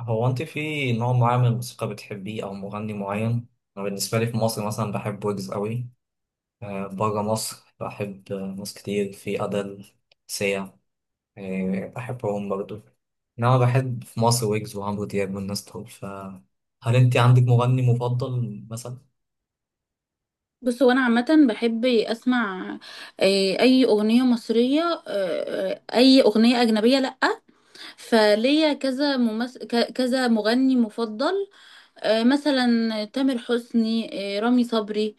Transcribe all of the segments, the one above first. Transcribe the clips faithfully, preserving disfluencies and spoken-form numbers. هو انت في نوع معين من الموسيقى بتحبيه او مغني معين. انا بالنسبه لي في مصر مثلا بحب ويجز قوي. آه، بره مصر بحب آه، ناس كتير في ادل سيا. آه، بحبهم برضو. انما بحب في مصر ويجز وعمرو دياب والناس دول، فهل انت عندك مغني مفضل مثلا؟ بص هو انا عامه بحب اسمع، آه، اي اغنيه مصريه، آه، اي اغنيه اجنبيه. لا فليا كذا ممس... ك- كذا مغني مفضل. آه، مثلا تامر حسني، آه، رامي صبري،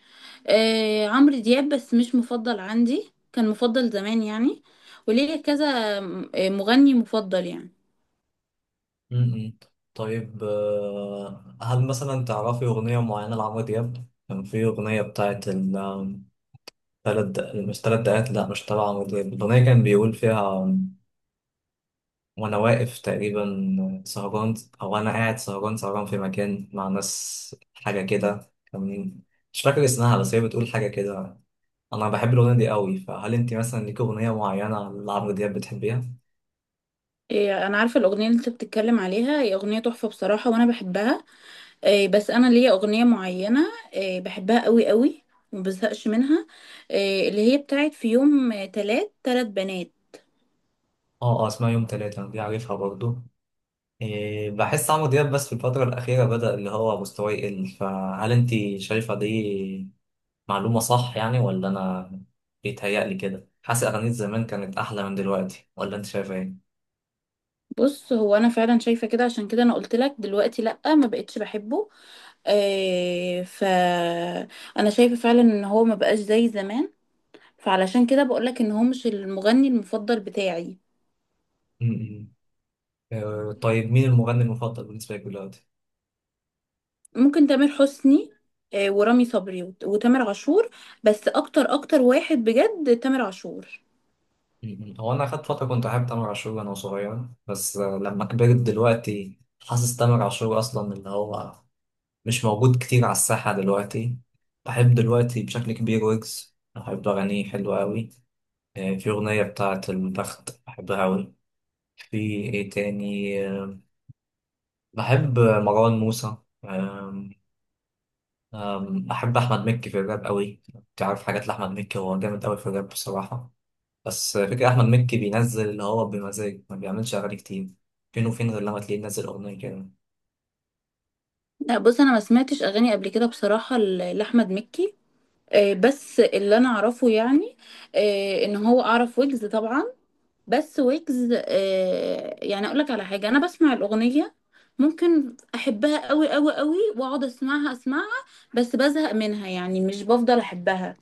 آه، عمرو دياب، بس مش مفضل عندي، كان مفضل زمان يعني. وليا كذا آه، مغني مفضل يعني. م-م. طيب، آه، هل مثلا تعرفي اغنيه معينه لعمرو دياب؟ كان في اغنيه بتاعت ال- آم، تلات دق- مش تلات دقات، لا مش تبع عمرو دياب. الأغنية كان بيقول فيها وانا واقف تقريبا سهران، او انا قاعد سهران سهران في مكان مع ناس، حاجه كده. كان مش فاكر اسمها بس هي بتقول حاجه كده. انا بحب الاغنيه دي قوي، فهل انت مثلا ليك اغنيه معينه لعمرو دياب بتحبيها؟ آه، انا عارفه الاغنيه اللي انت بتتكلم عليها، هي اغنيه تحفه بصراحه وانا بحبها. آه، بس انا ليا اغنيه معينه آه، بحبها قوي قوي ومبزهقش منها. آه، اللي هي بتاعت في يوم، آه، تلات تلات بنات. اه اه، اسمها يوم تلاتة، انا دي عارفها برضو. إيه، بحس عمرو دياب بس في الفتره الاخيره بدأ اللي هو مستواه يقل، فهل انت شايفه دي معلومه صح يعني، ولا انا بيتهيألي كده؟ حاسس اغانيه زمان كانت احلى من دلوقتي، ولا انت شايفه بص هو انا فعلا شايفه كده، عشان كده انا قلت لك دلوقتي لا ما بقتش بحبه. آه، ف انا شايفه فعلا ان هو ما بقاش زي زمان، فعلشان كده بقول لك ان هو مش المغني المفضل بتاعي. ايه؟ آه، طيب، مين المغني المفضل بالنسبة لك دلوقتي؟ ممكن تامر حسني آه، ورامي صبري وت- وتامر عاشور، بس اكتر اكتر واحد بجد تامر عاشور. م- م. هو أنا أخدت فترة كنت أحب تامر عاشور وأنا صغير، بس آه، لما كبرت دلوقتي حاسس تامر عاشور أصلا اللي هو مش موجود كتير على الساحة دلوقتي. بحب دلوقتي بشكل كبير ويجز، بحب أغانيه حلوة أوي. آه، في أغنية بتاعة البخت بحبها أوي. في إيه تاني آه، بحب مروان موسى. آم، آم، بحب أحمد مكي في الراب أوي. تعرف حاجات لأحمد مكي، هو جامد أوي في الراب بصراحة. بس فكرة أحمد مكي بينزل اللي هو بمزاج، ما بيعملش أغاني كتير، فين وفين غير لما تلاقيه منزل أغنية كده. لا بص انا ما سمعتش اغاني قبل كده بصراحه ل- لاحمد مكي. آه، بس اللي انا اعرفه يعني آه، ان هو اعرف ويجز طبعا. بس ويجز آه، يعني اقول لك على حاجه، انا بسمع الاغنيه ممكن احبها قوي قوي قوي واقعد اسمعها اسمعها، بس بزهق منها يعني مش بفضل احبها.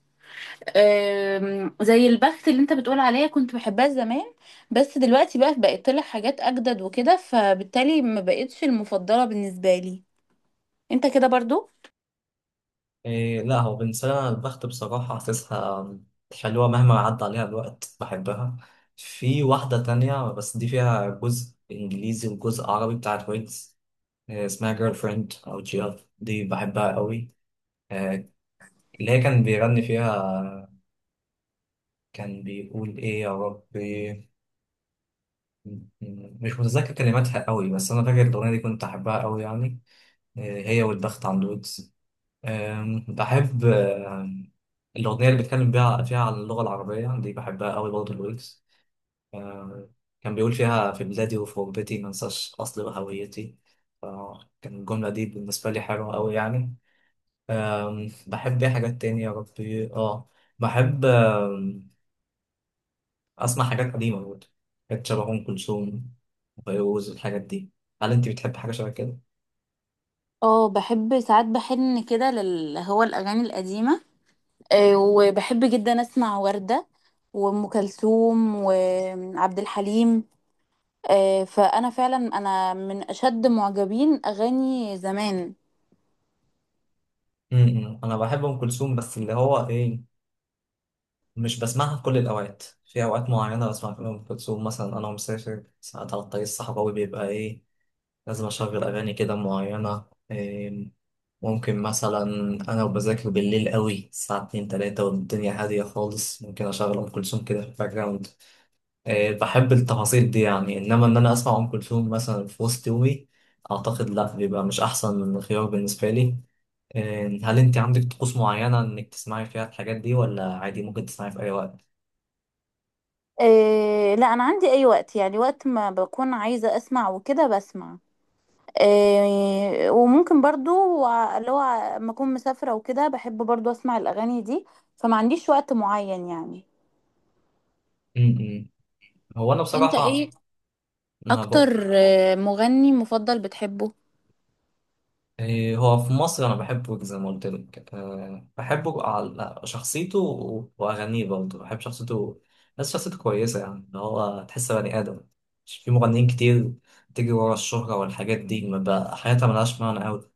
آم، زي البخت اللي انت بتقول عليها، كنت بحبها زمان بس دلوقتي بقى بقت طلع حاجات اجدد وكده، فبالتالي ما بقتش المفضله بالنسبه لي. انت كده برضو؟ إيه، لا هو بالنسبة لي أنا البخت بصراحة حاسسها حلوة، مهما عدى عليها الوقت بحبها. في واحدة تانية بس دي فيها جزء إنجليزي وجزء عربي بتاعت ويجز، إيه اسمها، جيرل فريند أو جيرل، دي بحبها قوي. إيه، اللي هي كان بيغني فيها، كان بيقول إيه يا ربي، م- م- مش متذكر كلماتها قوي، بس أنا فاكر الأغنية دي كنت أحبها قوي يعني. هي والبخت عن الودز. أم، بحب أم، الأغنية اللي بيتكلم بيها فيها عن اللغة العربية دي، بحبها قوي برضه، الويجز. أم، كان بيقول فيها في بلادي وفي غربتي ما انساش أصلي وهويتي. كان الجملة دي بالنسبة لي حلوة قوي يعني. أم، بحب ايه حاجات تانية يا ربي، اه بحب أم، أسمع حاجات قديمة برضه، حاجات شبه أم كلثوم وفيروز، الحاجات دي. هل أنت بتحب حاجة شبه كده؟ اه بحب ساعات بحن كده لل هو الأغاني القديمة. آه، وبحب جدا أسمع وردة وأم كلثوم وعبد الحليم. آه، فأنا فعلا أنا من أشد معجبين أغاني زمان. م- م. أنا بحب أم كلثوم، بس اللي هو إيه، مش بسمعها في كل الأوقات. في أوقات معينة بسمع فيها أم كلثوم، مثلا أنا مسافر ساعات على الطريق الصحراوي، بيبقى إيه، لازم أشغل أغاني كده معينة. إيه، ممكن مثلا أنا وبذاكر بالليل قوي الساعة اتنين تلاتة والدنيا هادية خالص، ممكن أشغل أم كلثوم كده في الباك جراوند. إيه، بحب التفاصيل دي يعني، إنما إن أنا أسمع أم كلثوم مثلا في وسط يومي، أعتقد لأ، بيبقى مش أحسن خيار بالنسبة لي. إيه، هل أنت عندك طقوس معينة إنك تسمعي فيها الحاجات دي، ولا عادي ممكن تسمعي في أي وقت؟ آه، لا أنا عندي أي وقت يعني، وقت ما بكون عايزة أسمع وكده بسمع. آه، وممكن برضو ع- اللي هو لما أكون مسافرة وكده بحب برضو أسمع الأغاني دي، فما عنديش وقت معين يعني. هو انا انت ايه بصراحه انا بق... اكتر آه، مغني مفضل بتحبه؟ إيه، هو في مصر انا بحبه زي ما قلت لك، أه بحبه على شخصيته و- واغانيه برضه، بحب شخصيته. بس شخصيته كويسه يعني، اللي هو تحس بني ادم، مش في مغنيين كتير تيجي ورا الشهره والحاجات دي ما بقى حياتها ملهاش معنى قوي.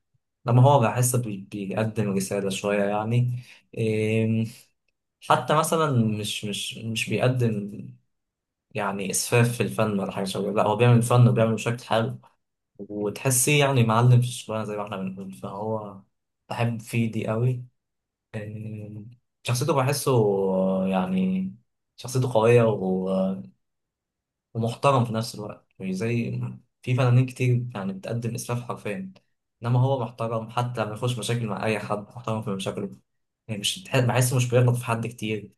لما هو بحس بي... بيقدم رساله شويه يعني. إيه حتى مثلا، مش مش مش بيقدم يعني اسفاف في الفن ولا حاجه شبه، لا هو بيعمل فن وبيعمل بشكل حلو، وتحسيه يعني معلم في الشغلانة زي ما احنا بنقول. فهو بحب فيه دي قوي. آم، شخصيته بحسه آه، يعني شخصيته قوية و- ومحترم في نفس الوقت، مش زي في فنانين كتير يعني بتقدم إسفاف حرفيا. إنما هو محترم حتى لما يخش مشاكل مع أي حد محترم في مشاكله، يعني مش بتح- بحسه مش بيغلط في حد كتير.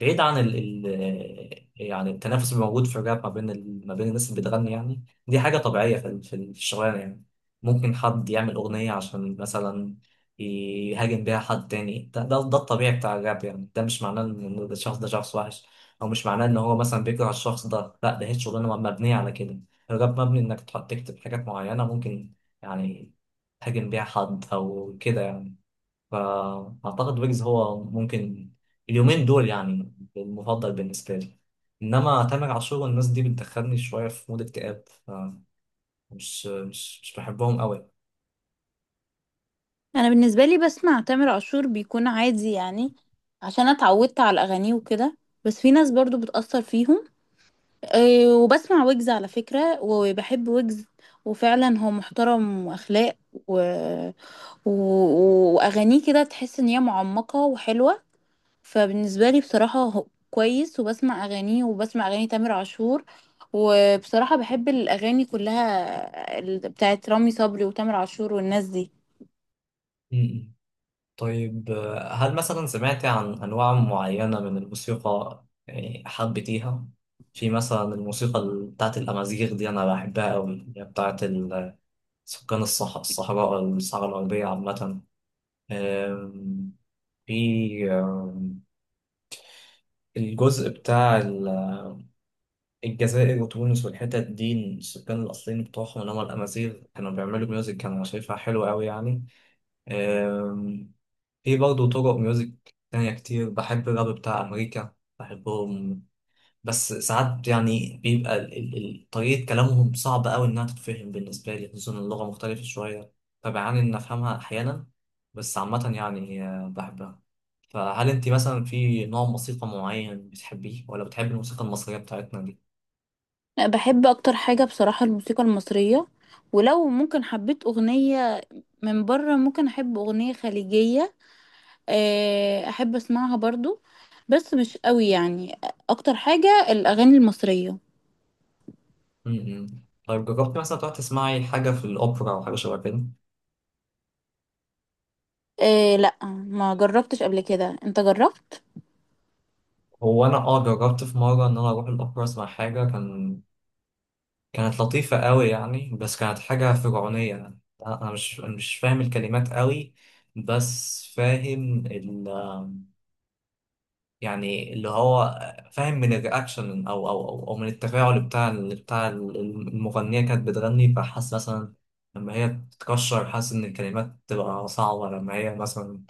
بعيد عن ال ال يعني التنافس اللي موجود في الراب ما بين ال- ما بين الناس اللي بتغني، يعني دي حاجة طبيعية في ال- في ال- في الشغلانة يعني. ممكن حد يعمل أغنية عشان مثلا يهاجم بيها حد تاني، ده ده, ده الطبيعي بتاع الراب يعني. ده مش معناه إن إن الشخص ده شخص وحش، أو مش معناه إن هو مثلا بيكره الشخص ده، لا ده هي شغلانة مبنية على كده. الراب مبني إنك تحط- تكتب حاجات معينة ممكن يعني تهاجم بيها حد أو كده يعني. فأعتقد ويجز هو ممكن اليومين دول يعني المفضل بالنسبة لي. إنما تامر عاشور والناس دي بتدخلني شوية في مود اكتئاب، فمش مش مش بحبهم أوي. انا بالنسبه لي بسمع تامر عاشور بيكون عادي يعني، عشان أنا اتعودت على اغانيه وكده. بس في ناس برضو بتأثر فيهم. أه وبسمع ويجز على فكره وبحب ويجز، وفعلا هو محترم واخلاق و... و... واغانيه كده تحس ان هي معمقه وحلوه. فبالنسبة لي بصراحة هو كويس، وبسمع أغانيه وبسمع أغاني تامر عاشور. وبصراحة بحب الأغاني كلها ال- بتاعت رامي صبري وتامر عاشور والناس دي. م-م. طيب، آه، هل مثلا سمعت عن أنواع معينة من الموسيقى يعني حبيتيها؟ في مثلا الموسيقى ال- بتاعت الأمازيغ دي أنا بحبها أوي، اللي هي بتاعت ال- سكان الصح... الصحراء، الصحراء الغربية عامة. آم، في الجزء بتاع ال- الجزائر وتونس والحتت دي، السكان الأصليين بتوعهم اللي هم الأمازيغ، كانوا بيعملوا ميوزك كانوا شايفها حلوة أوي يعني. أم، في برضه طرق ميوزك تانية كتير. بحب الراب بتاع أمريكا، بحبهم. بس ساعات يعني بيبقى ال- ال- ال- طريقة كلامهم صعبة أوي إنها تتفهم بالنسبة لي، خصوصا اللغة مختلفة شوية فبعاني إن أفهمها أحيانا. بس عامة يعني أه، بحبها. فهل انت مثلا في نوع موسيقى معين بتحبيه، ولا بتحبي الموسيقى المصرية بتاعتنا دي؟ لا، بحب أكتر حاجة بصراحة الموسيقى المصرية. ولو ممكن حبيت أغنية من بره ممكن أحب أغنية خليجية، آه، أحب أسمعها برضو بس مش قوي يعني. أكتر حاجة الأغاني المصرية. م-م. طيب، جربتي مثلا تروحي تسمعي حاجة في الأوبرا أو حاجة شبه كده؟ آه، لا ما جربتش قبل كده، أنت جربت؟ هو أنا أه جربت في مرة إن أنا أروح الأوبرا أسمع حاجة، كان كانت لطيفة قوي يعني، بس كانت حاجة فرعونية يعني. أنا أنا مش أنا مش فاهم الكلمات قوي، بس فاهم يعني اللي هو فاهم من الرياكشن او او او, أو من التفاعل بتاع ال- بتاع ال- المغنيه، كانت بتغني. فحاسس مثلا لما هي بتتكشر حاسس ان الكلمات تبقى صعبه، لما هي مثلا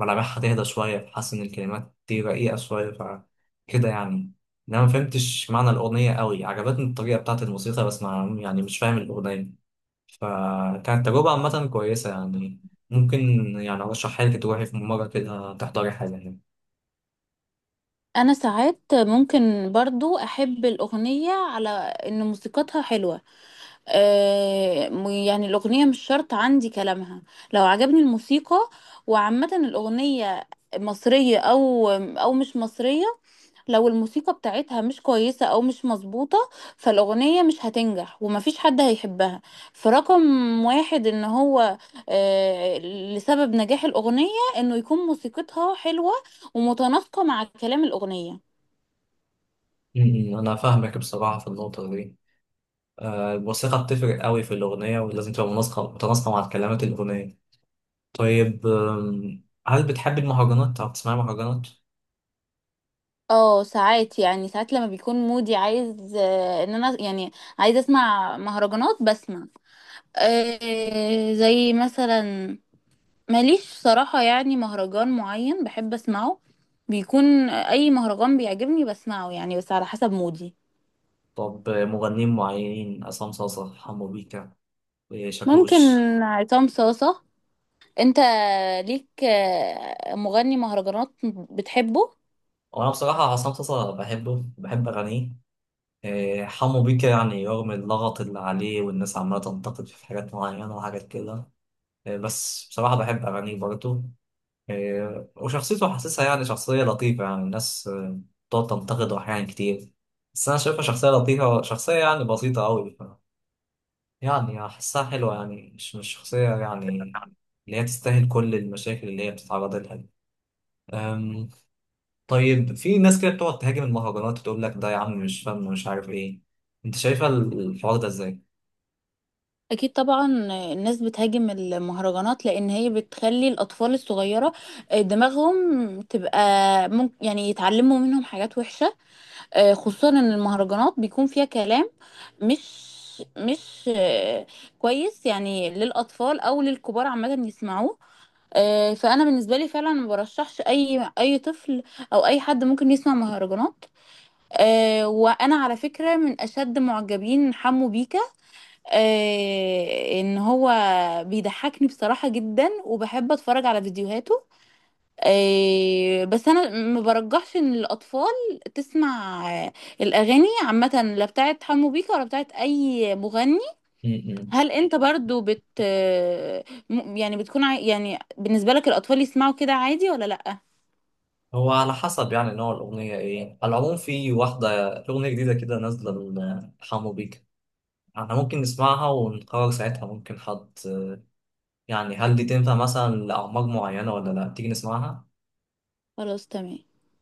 ملامحها تهدى شويه فحاسس ان الكلمات دي رقيقه شويه فكده يعني. انا ما فهمتش معنى الاغنيه قوي، عجبتني الطريقه بتاعت الموسيقى بس ما يعني مش فاهم الاغنيه. فكانت تجربه عامه كويسه يعني، ممكن يعني ارشحها لك تروحي في مره كده تحضري حاجه. انا ساعات ممكن برضو احب الاغنية على ان موسيقتها حلوة. آه، م- يعني الاغنية مش شرط عندي كلامها، لو عجبني الموسيقى. وعامة الاغنية مصرية او او مش مصرية، لو الموسيقى بتاعتها مش كويسة او مش مظبوطة فالاغنية مش هتنجح ومفيش حد هيحبها. فرقم واحد ان هو آه، لسبب نجاح الاغنية انه يكون موسيقتها حلوة ومتناسقة مع كلام الأغنية. م- م. انا فاهمك بصراحه في النقطه دي. آه، الموسيقى بتفرق قوي في الاغنيه، ولازم تبقى مناسقه متناسقه مع كلمات الاغنيه. طيب، آم، هل بتحبي المهرجانات او بتسمعي مهرجانات؟ اه ساعات يعني، ساعات لما بيكون مودي عايز، آه، ان انا يعني عايز اسمع مهرجانات بسمع. آه، زي مثلا ماليش صراحة يعني مهرجان معين بحب اسمعه، بيكون اي مهرجان بيعجبني بسمعه يعني، بس على حسب مودي. طب، آه، مغنيين معينين، عصام صاصا، حمو بيكا، آه، ممكن شاكوش؟ عصام صاصة. انت ليك آه، مغني مهرجانات بتحبه؟ وانا بصراحه عصام صاصا بحبه، بحب اغانيه. آه، حمو بيكا يعني رغم اللغط اللي عليه والناس عماله تنتقد في حاجات معينه وحاجات كده، آه، بس بصراحه بحب اغانيه برضه. إيه، وشخصيته حاسسها يعني شخصية لطيفة. يعني الناس آه، بتقعد تنتقده أحيان كتير، بس أنا شايفها شخصية لطيفة، شخصية يعني بسيطة أوي ف... يعني أحسها حلوة، يعني مش مش شخصية يعني اللي هي تستاهل كل المشاكل اللي هي بتتعرض لها دي. أم... طيب في ناس كده بتقعد تهاجم المهرجانات وتقول لك ده يا عم مش فن ومش عارف إيه. أنت شايفة الحوار ده إزاي؟ اكيد طبعا الناس بتهاجم المهرجانات لان هي بتخلي الاطفال الصغيره آه، دماغهم تبقى ممكن يعني يتعلموا منهم حاجات وحشه. آه، خصوصا ان المهرجانات بيكون فيها كلام مش مش آه، كويس يعني، للاطفال او للكبار عامه يسمعوه. آه، فانا بالنسبه لي فعلا ما برشحش اي اي طفل او اي حد ممكن يسمع مهرجانات. آه، وانا على فكره من اشد معجبين حمو بيكا، آه، ان هو بيضحكني بصراحة جدا وبحب اتفرج على فيديوهاته. آه، بس انا ما برجحش ان الاطفال تسمع آه، الاغاني عامة، لا بتاعت حمو بيكا ولا بتاعت اي مغني. م- م. هل انت برضو بت آه، م- يعني بتكون عاي- يعني بالنسبة لك الاطفال يسمعوا كده عادي ولا لأ؟ هو على حسب يعني نوع الأغنية إيه. على العموم في واحدة أغنية جديدة كده نازلة حمو بيك، احنا ممكن نسمعها ونقرر ساعتها، ممكن حد يعني هل دي تنفع مثلا لأعمار معينة ولا لا، تيجي نسمعها. خلاص تمام.